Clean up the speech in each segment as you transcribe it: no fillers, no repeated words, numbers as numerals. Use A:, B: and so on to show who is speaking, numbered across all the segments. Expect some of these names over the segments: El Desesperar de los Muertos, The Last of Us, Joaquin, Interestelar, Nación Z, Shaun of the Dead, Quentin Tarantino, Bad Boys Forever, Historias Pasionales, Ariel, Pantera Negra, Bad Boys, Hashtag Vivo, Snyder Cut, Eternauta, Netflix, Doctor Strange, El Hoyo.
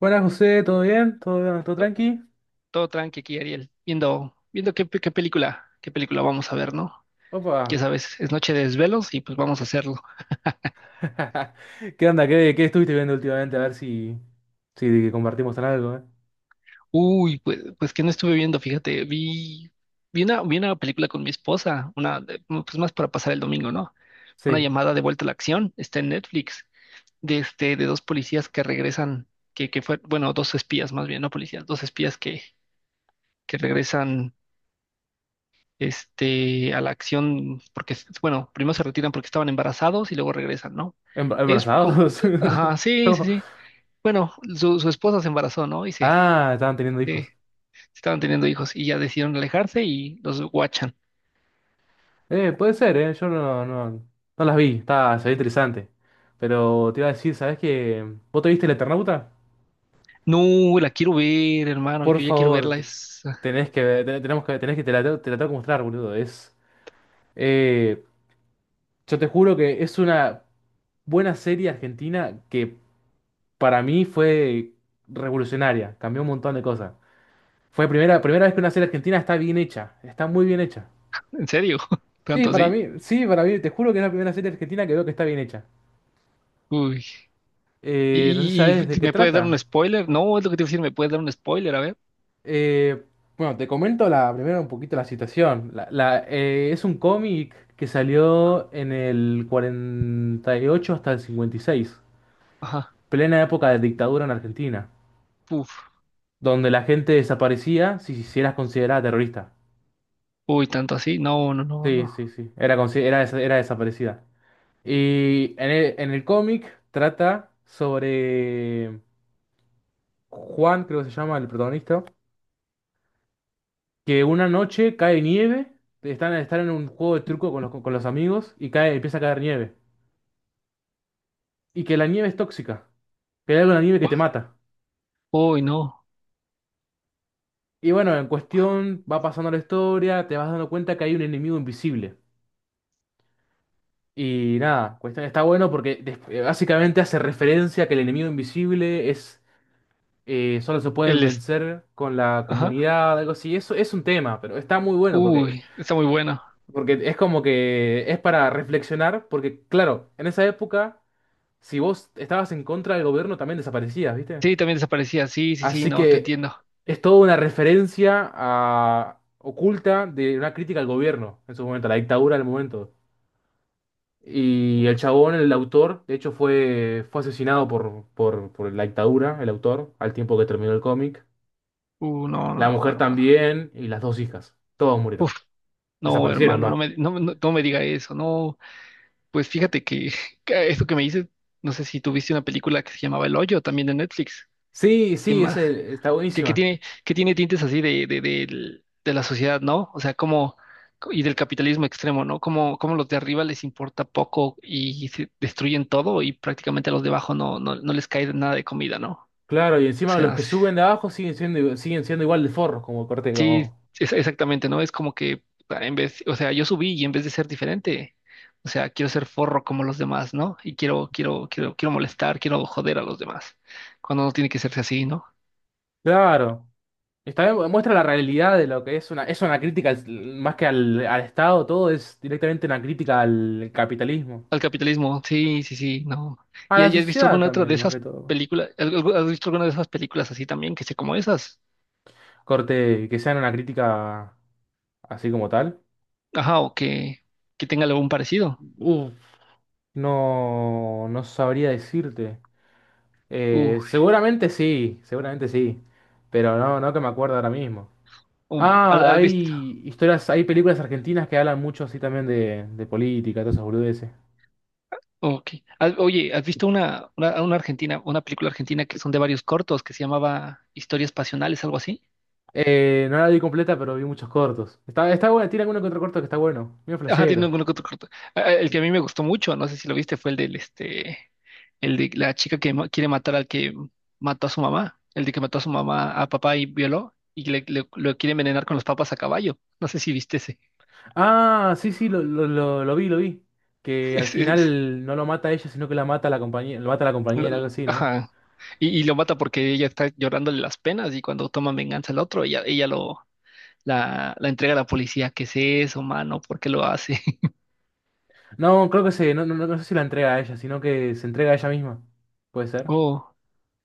A: Buenas, José, ¿todo bien? ¿Todo, bien? ¿Todo tranqui?
B: Todo tranqui aquí, Ariel. Viendo qué película vamos a ver, ¿no? Ya
A: Opa.
B: sabes, es noche de desvelos y pues vamos a hacerlo.
A: ¿Qué onda? ¿Qué estuviste viendo últimamente? A ver si compartimos en algo, ¿eh?
B: Uy, pues que no estuve viendo, fíjate, vi una película con mi esposa, una, no, pues más para pasar el domingo, ¿no? Una
A: Sí.
B: llamada de vuelta a la acción, está en Netflix, de este, de dos policías que regresan, que fue, bueno, dos espías más bien, no policías, dos espías que regresan este, a la acción, porque, bueno, primero se retiran porque estaban embarazados y luego regresan, ¿no? Es con,
A: ¿Embarazados?
B: ajá, sí,
A: No.
B: sí, sí. Bueno, su esposa se embarazó, ¿no? Y
A: Ah, estaban teniendo hijos.
B: se- estaban teniendo hijos y ya decidieron alejarse y los guachan.
A: Puede ser, ¿eh? Yo no las vi. Está, se ve interesante. Pero te iba a decir, ¿sabes qué? ¿Vos te viste el Eternauta?
B: No, la quiero ver, hermano,
A: Por
B: yo ya quiero
A: favor,
B: verla,
A: tenés que ver, tenemos que, tenés que, te la tengo que mostrar, boludo. Eh, yo te juro que es una buena serie argentina que para mí fue revolucionaria, cambió un montón de cosas. Fue primera vez que una serie argentina está bien hecha, está muy bien hecha.
B: en serio,
A: Sí,
B: tanto
A: para
B: así.
A: mí, sí, para mí, te juro que es la primera serie argentina que veo que está bien hecha.
B: Uy,
A: No sé si sabes de qué
B: ¿me puedes dar un
A: trata.
B: spoiler? No, es lo que te iba a decir, ¿me puedes dar un spoiler? A ver,
A: Eh, bueno, te comento la, primero un poquito la situación. Es un cómic que salió en el 48 hasta el 56,
B: ajá,
A: plena época de dictadura en Argentina,
B: puf,
A: donde la gente desaparecía si eras considerada terrorista.
B: uy, tanto así, no, no, no,
A: Sí,
B: no,
A: sí, sí. Era desaparecida. Y en el cómic trata sobre Juan, creo que se llama el protagonista, que una noche cae nieve, están en un juego de truco con los amigos y cae, empieza a caer nieve. Y que la nieve es tóxica, que hay algo en la nieve que te mata.
B: uy, no,
A: Y bueno, en cuestión va pasando la historia, te vas dando cuenta que hay un enemigo invisible. Y nada, cuestión está bueno porque básicamente hace referencia a que el enemigo invisible es solo se pueden
B: el, es-
A: vencer con la
B: ajá.
A: comunidad, algo así. Eso es un tema, pero está muy bueno porque,
B: Uy, está muy bueno.
A: porque es como que es para reflexionar, porque claro, en esa época, si vos estabas en contra del gobierno, también desaparecías, ¿viste?
B: Sí, también desaparecía. Sí, sí, sí,
A: Así
B: no, te
A: que
B: entiendo.
A: es toda una referencia oculta de una crítica al gobierno en su momento, a la dictadura del momento. Y el chabón, el autor, de hecho fue asesinado por la dictadura, el autor, al tiempo que terminó el cómic.
B: No, no,
A: La
B: no,
A: mujer
B: hermano.
A: también y las dos hijas. Todos murieron.
B: Uf, no,
A: Desaparecieron,
B: hermano, no
A: va.
B: me, no, no, no me diga eso. No, pues fíjate que, que eso que me dices, no sé si tuviste una película que se llamaba El Hoyo, también de Netflix.
A: Sí,
B: ¿Qué
A: sí,
B: más?
A: está
B: Que, que
A: buenísima.
B: tiene, que tiene tintes así de la sociedad, ¿no? O sea, y del capitalismo extremo, ¿no? Como los de arriba les importa poco y se destruyen todo y prácticamente a los de abajo no les cae nada de comida, ¿no?
A: Claro, y
B: O
A: encima los
B: sea,
A: que
B: sí.
A: suben de abajo siguen siendo igual de forros, como corte,
B: Sí,
A: como.
B: exactamente, ¿no? Es como que ah, en vez, o sea, yo subí y en vez de ser diferente, o sea, quiero ser forro como los demás, ¿no? Y quiero molestar, quiero joder a los demás, cuando no tiene que serse así, ¿no?
A: Claro. Está bien, muestra la realidad de lo que es una. Es una crítica más que al Estado, todo es directamente una crítica al capitalismo.
B: Al capitalismo, sí, sí, sí, no.
A: A
B: ¿Y
A: la
B: y has visto
A: sociedad
B: alguna otra de
A: también, más
B: esas
A: que todo.
B: películas? ¿Has visto alguna de esas películas así también, que sea como esas?
A: Corte, que sean una crítica así como tal.
B: Ajá, o que tenga algún parecido.
A: Uf, no sabría decirte.
B: Uh,
A: Seguramente sí, seguramente sí, pero no que me acuerdo ahora mismo. Ah,
B: ¿Has visto?
A: hay historias, hay películas argentinas que hablan mucho así también de política, todas esas boludeces.
B: Ok. Ah, oye, ¿has visto una película argentina que son de varios cortos que se llamaba Historias Pasionales, algo así?
A: No la vi completa, pero vi muchos cortos. Está buena, tiene alguno que otro corto que está bueno, medio
B: Ajá, tiene
A: flashero.
B: alguno que otro corto. Ah, ah, el que a mí me gustó mucho, no sé si lo viste, fue el del este, el de la chica que quiere matar al que mató a su mamá, el de que mató a su mamá, a papá y violó, y lo quiere envenenar con los papas a caballo. No sé si viste ese.
A: Ah, sí, sí, lo vi. Que al
B: Ese es-
A: final no lo mata ella, sino que la mata la compañía, lo mata la
B: lo-
A: compañera, algo así, ¿no?
B: ajá. Y lo mata porque ella está llorándole las penas y cuando toma venganza al otro, ella lo, la entrega a la policía. ¿Qué es eso, mano? ¿Por qué lo hace?
A: No, creo no sé si la entrega a ella, sino que se entrega a ella misma. ¿Puede ser?
B: Oh,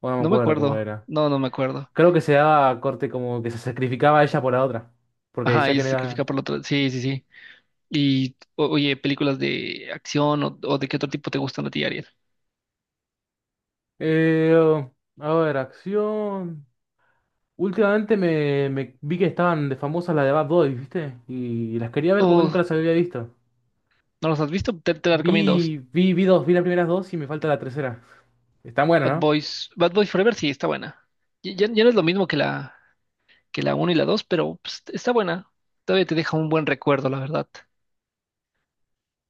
A: O no me
B: no me
A: acuerdo cómo
B: acuerdo.
A: era.
B: No, no me acuerdo.
A: Creo que se daba corte como que se sacrificaba ella por la otra. Porque
B: Ajá,
A: decía
B: ella
A: que
B: se
A: no
B: sacrifica
A: iba.
B: por la otra. Sí, sí, sí. Y, oye, películas de acción o de qué otro tipo te gustan a ti, Ariel.
A: Eh, a ver, acción. Últimamente me vi que estaban de famosas las de Bad Boys, ¿viste? Y las quería ver porque nunca
B: Oh,
A: las había visto.
B: ¿no los has visto? Te la recomiendo.
A: Vi las primeras dos y me falta la tercera. Están buenas,
B: Bad
A: ¿no?
B: Boys. Bad Boys Forever sí está buena. Ya no es lo mismo que la uno y la 2 pero pues, está buena. Todavía te deja un buen recuerdo, la verdad.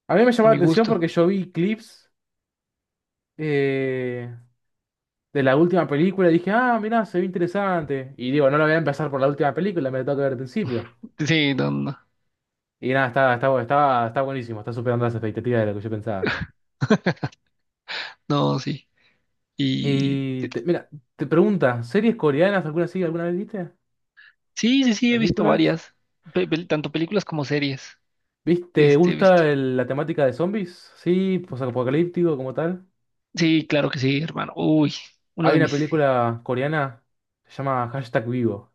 A: A mí me llamó
B: A
A: la
B: mi
A: atención
B: gusto.
A: porque yo vi clips eh, de la última película y dije, ah, mirá, se ve interesante. Y digo, no lo voy a empezar por la última película, me lo tengo que ver al principio.
B: Sí, no, no,
A: Y nada, está buenísimo, está superando las expectativas de lo que yo pensaba.
B: no, sí. Y
A: Y mira, te pregunta, ¿series coreanas alguna así alguna vez viste?
B: sí, sí, sí, he visto
A: ¿Películas?
B: varias, tanto películas como series.
A: ¿Viste? ¿Te
B: He visto.
A: gusta la temática de zombies? Sí, posapocalíptico como tal.
B: Sí, claro que sí, hermano. Uy, uno
A: Hay
B: de
A: una
B: mis
A: película coreana, se llama Hashtag Vivo.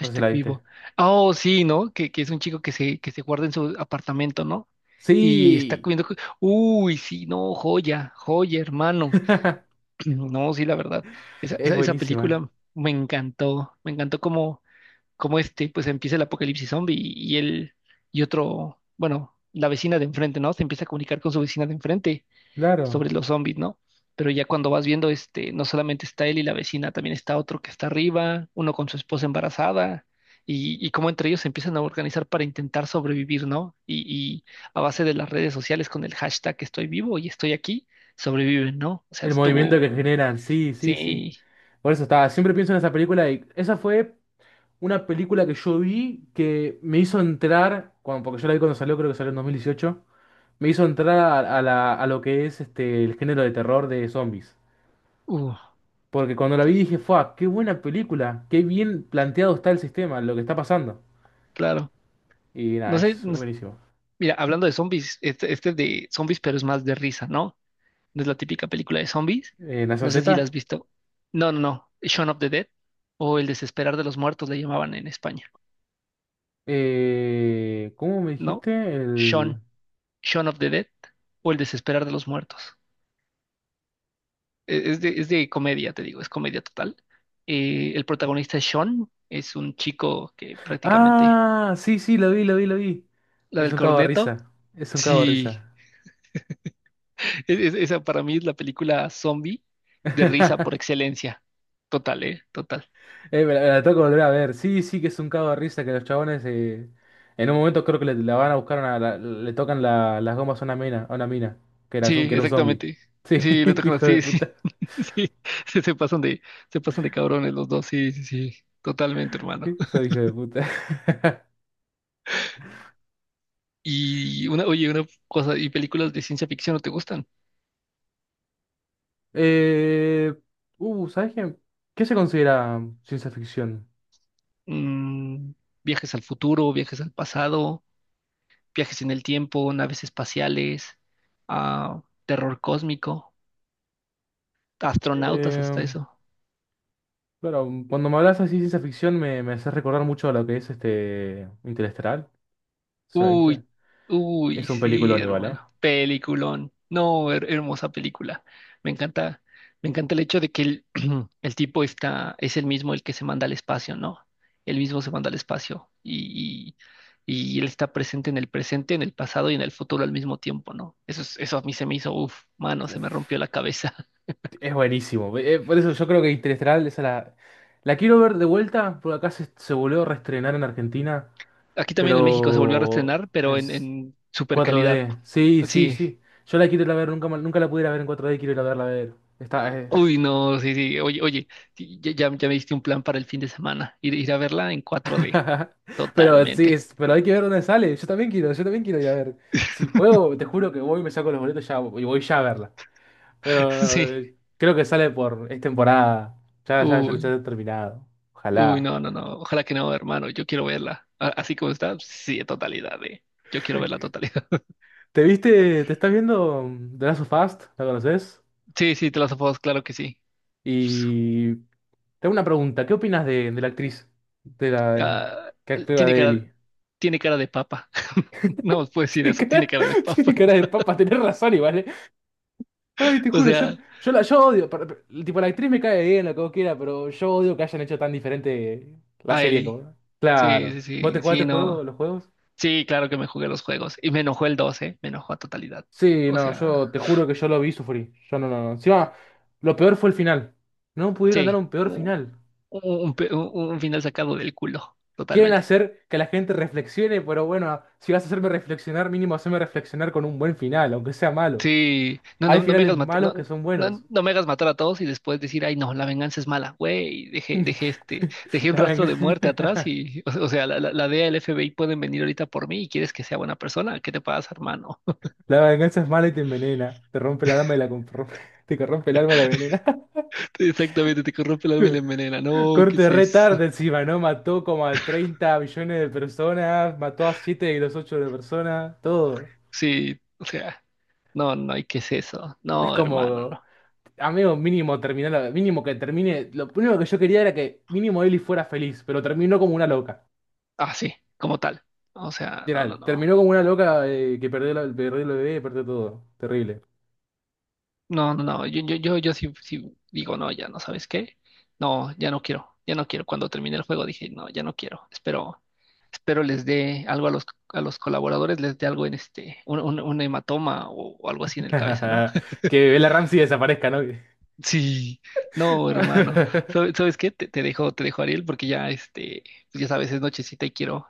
A: No sé si la viste.
B: Vivo. Oh, sí, ¿no? Que es un chico que se guarda en su apartamento, ¿no? Y está
A: Sí,
B: comiendo. Uy, sí, no, joya, joya, hermano. No, sí, la verdad. Esa,
A: es
B: esa, esa
A: buenísima.
B: película me encantó. Me encantó como pues empieza el apocalipsis zombie y él y otro, bueno, la vecina de enfrente, ¿no? Se empieza a comunicar con su vecina de enfrente
A: Claro.
B: sobre los zombies, ¿no? Pero ya cuando vas viendo, no solamente está él y la vecina, también está otro que está arriba, uno con su esposa embarazada, y cómo entre ellos se empiezan a organizar para intentar sobrevivir, ¿no? Y a base de las redes sociales con el hashtag estoy vivo y estoy aquí, sobreviven, ¿no? O sea,
A: El movimiento
B: estuvo,
A: que generan, sí, sí, sí.
B: sí,
A: Por eso estaba, siempre pienso en esa película y esa fue una película que yo vi que me hizo entrar, porque yo la vi cuando salió, creo que salió en 2018, me hizo entrar a, a lo que es este, el género de terror de zombies.
B: uh,
A: Porque cuando la vi
B: sí,
A: dije, ¡fua! ¡Qué buena película! ¡Qué bien planteado está el sistema, lo que está pasando!
B: claro.
A: Y nada,
B: No sé,
A: es
B: no s-
A: buenísimo.
B: mira, hablando de zombies, este es de zombies, pero es más de risa, ¿no? No es la típica película de zombies.
A: ¿Nación
B: No sé si la has
A: Z?
B: visto. No, no, no. Shaun of the Dead o El Desesperar de los Muertos le llamaban en España,
A: ¿Cómo me
B: ¿no?
A: dijiste? El...
B: Shaun, Shaun of the Dead o El Desesperar de los Muertos. Es de comedia, te digo, es comedia total. El protagonista es Shaun, es un chico que prácticamente...
A: Ah, sí, sí, lo vi, lo vi, lo vi.
B: La
A: Es
B: del
A: un cago de
B: corneto.
A: risa. Es un cago de
B: Sí,
A: risa.
B: esa para mí es la película zombie de risa por excelencia. Total, ¿eh? Total.
A: Me la tengo que volver a ver. Sí, sí, que es un cago de risa que los chabones en un momento creo que le, la van a buscar una, la- le tocan las gomas a una mina,
B: Sí,
A: que era un zombie.
B: exactamente.
A: Sí,
B: Sí, le tocan
A: hijo de
B: así, sí,
A: puta.
B: sí, sí, se pasan de cabrones los dos, sí, sí, sí, totalmente, hermano.
A: Soy hijo de puta.
B: Y oye, una cosa, ¿y películas de ciencia ficción no te gustan?
A: Eh, ¿sabes qué? ¿Qué se considera ciencia ficción?
B: Mm, Viajes al futuro, viajes al pasado, viajes en el tiempo, naves espaciales, ah, terror cósmico, astronautas, hasta
A: Eh,
B: eso.
A: claro, cuando me hablas así de ciencia ficción me haces recordar mucho a lo que es este Interestelar. ¿Se la viste?
B: Uy,
A: Que
B: uy,
A: es un
B: sí,
A: peliculón igual, ¿eh?
B: hermano. Peliculón. No, hermosa película. Me encanta, me encanta el hecho de que el tipo es el mismo el que se manda al espacio, ¿no? El mismo se manda al espacio y él está presente, en el pasado y en el futuro al mismo tiempo, ¿no? Eso, eso a mí se me hizo, uff, mano, se me rompió la cabeza.
A: Es buenísimo. Por eso yo creo que Interestelar, esa la quiero ver de vuelta, porque acá se volvió a reestrenar en Argentina,
B: Aquí también en México se volvió a
A: pero
B: reestrenar,
A: en
B: pero en, en super calidad.
A: 4D. Sí, sí,
B: Sí,
A: sí. Yo la quiero ir a ver, nunca la pudiera ver en 4D, quiero ir a verla a ver. Esta es.
B: uy, no, sí, sí. Oye, oye, sí, ya me diste un plan para el fin de semana. Ir a verla en 4D.
A: Pero sí,
B: Totalmente.
A: pero hay que ver dónde sale. Yo también quiero ir a ver. Si puedo, te juro que voy y me saco los boletos ya, y voy ya a verla. Pero
B: Sí.
A: creo que sale es temporada. Ya, ya, ya,
B: Uy,
A: ya ha terminado.
B: uy,
A: Ojalá.
B: no, no, no. Ojalá que no, hermano. Yo quiero verla. Así como está, sí, en totalidad, eh. Yo quiero ver la totalidad.
A: ¿Te estás viendo The Last of Us? ¿La conoces?
B: Sí, sí, te las of Us, claro que sí.
A: Y te hago una pregunta, ¿qué opinas de la actriz? De la
B: Ah,
A: que actúa
B: tiene
A: de
B: cara,
A: Ellie.
B: tiene cara de papa. No puedo decir
A: Tiene
B: eso, tiene
A: cara,
B: cara de
A: tiene
B: papa.
A: cara de papa, tenés razón y vale. Ay, te
B: O
A: juro, yo,
B: sea,
A: yo la yo odio. Tipo, la actriz me cae bien, lo que vos quieras, pero yo odio que hayan hecho tan diferente la
B: a
A: serie
B: Eli.
A: como.
B: Sí,
A: Claro.
B: sí,
A: ¿Vos te
B: sí,
A: jugaste
B: sí,
A: el
B: no.
A: juego, los juegos?
B: Sí, claro que me jugué los juegos. Y me enojó el 12, me enojó a totalidad.
A: Sí,
B: O
A: no,
B: sea,
A: yo te juro que yo lo vi y sufrí. Yo no, no, no. Encima, lo peor fue el final. No pudieron dar
B: sí,
A: un peor final.
B: u- un final sacado del culo,
A: Quieren
B: totalmente.
A: hacer que la gente reflexione, pero bueno, si vas a hacerme reflexionar, mínimo haceme reflexionar con un buen final, aunque sea malo.
B: Sí, no,
A: Hay
B: no, no me
A: finales
B: hagas matar,
A: malos que
B: no,
A: son
B: no,
A: buenos.
B: no me hagas matar a todos y después decir, ay, no, la venganza es mala, güey. Dejé, dejé este, dejé un
A: La
B: rastro de muerte atrás
A: venganza,
B: y, o sea, la, la DEA, el FBI pueden venir ahorita por mí y quieres que sea buena persona. ¿Qué te pasa, hermano?
A: la venganza es mala y te envenena. Te rompe el alma y te corrompe el alma y la venena.
B: Exactamente, te corrompe el alma y la envenena. No, ¿qué
A: Corte
B: es
A: re
B: eso?
A: tarde encima, ¿no? Mató como a 30 millones de personas, mató a 7 de los 8 de personas, todo.
B: Sí, o sea, no, no, ¿y qué es eso?
A: Es
B: No, hermano,
A: como.
B: no.
A: Amigo, mínimo terminar, mínimo que termine. Lo único que yo quería era que mínimo Ellie fuera feliz, pero terminó como una loca.
B: Ah, sí, como tal. O sea, no, no,
A: Literal,
B: no.
A: terminó como una loca que perdió el bebé, perdió todo. Terrible.
B: No, no, no. Yo sí, digo, no, ya no sabes qué. No, ya no quiero, ya no quiero. Cuando terminé el juego dije, no, ya no quiero. Espero les dé algo a los colaboradores, les dé algo en un hematoma o algo así en el cabeza, ¿no?
A: Que la Ramsey desaparezca, ¿no?
B: Sí, no, hermano. ¿Sabes, sabes qué? Te dejo, Ariel, porque ya, pues ya sabes, es nochecita y quiero,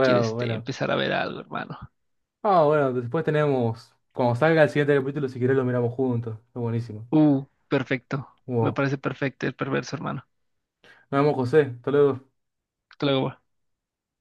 B: quiero, este,
A: bueno.
B: empezar a ver algo, hermano.
A: Ah, bueno, después tenemos. Cuando salga el siguiente capítulo, si querés lo miramos juntos. Es buenísimo.
B: Perfecto. Me
A: Wow.
B: parece perfecto el perverso, hermano.
A: Nos vemos, José. Hasta luego.
B: Hasta luego.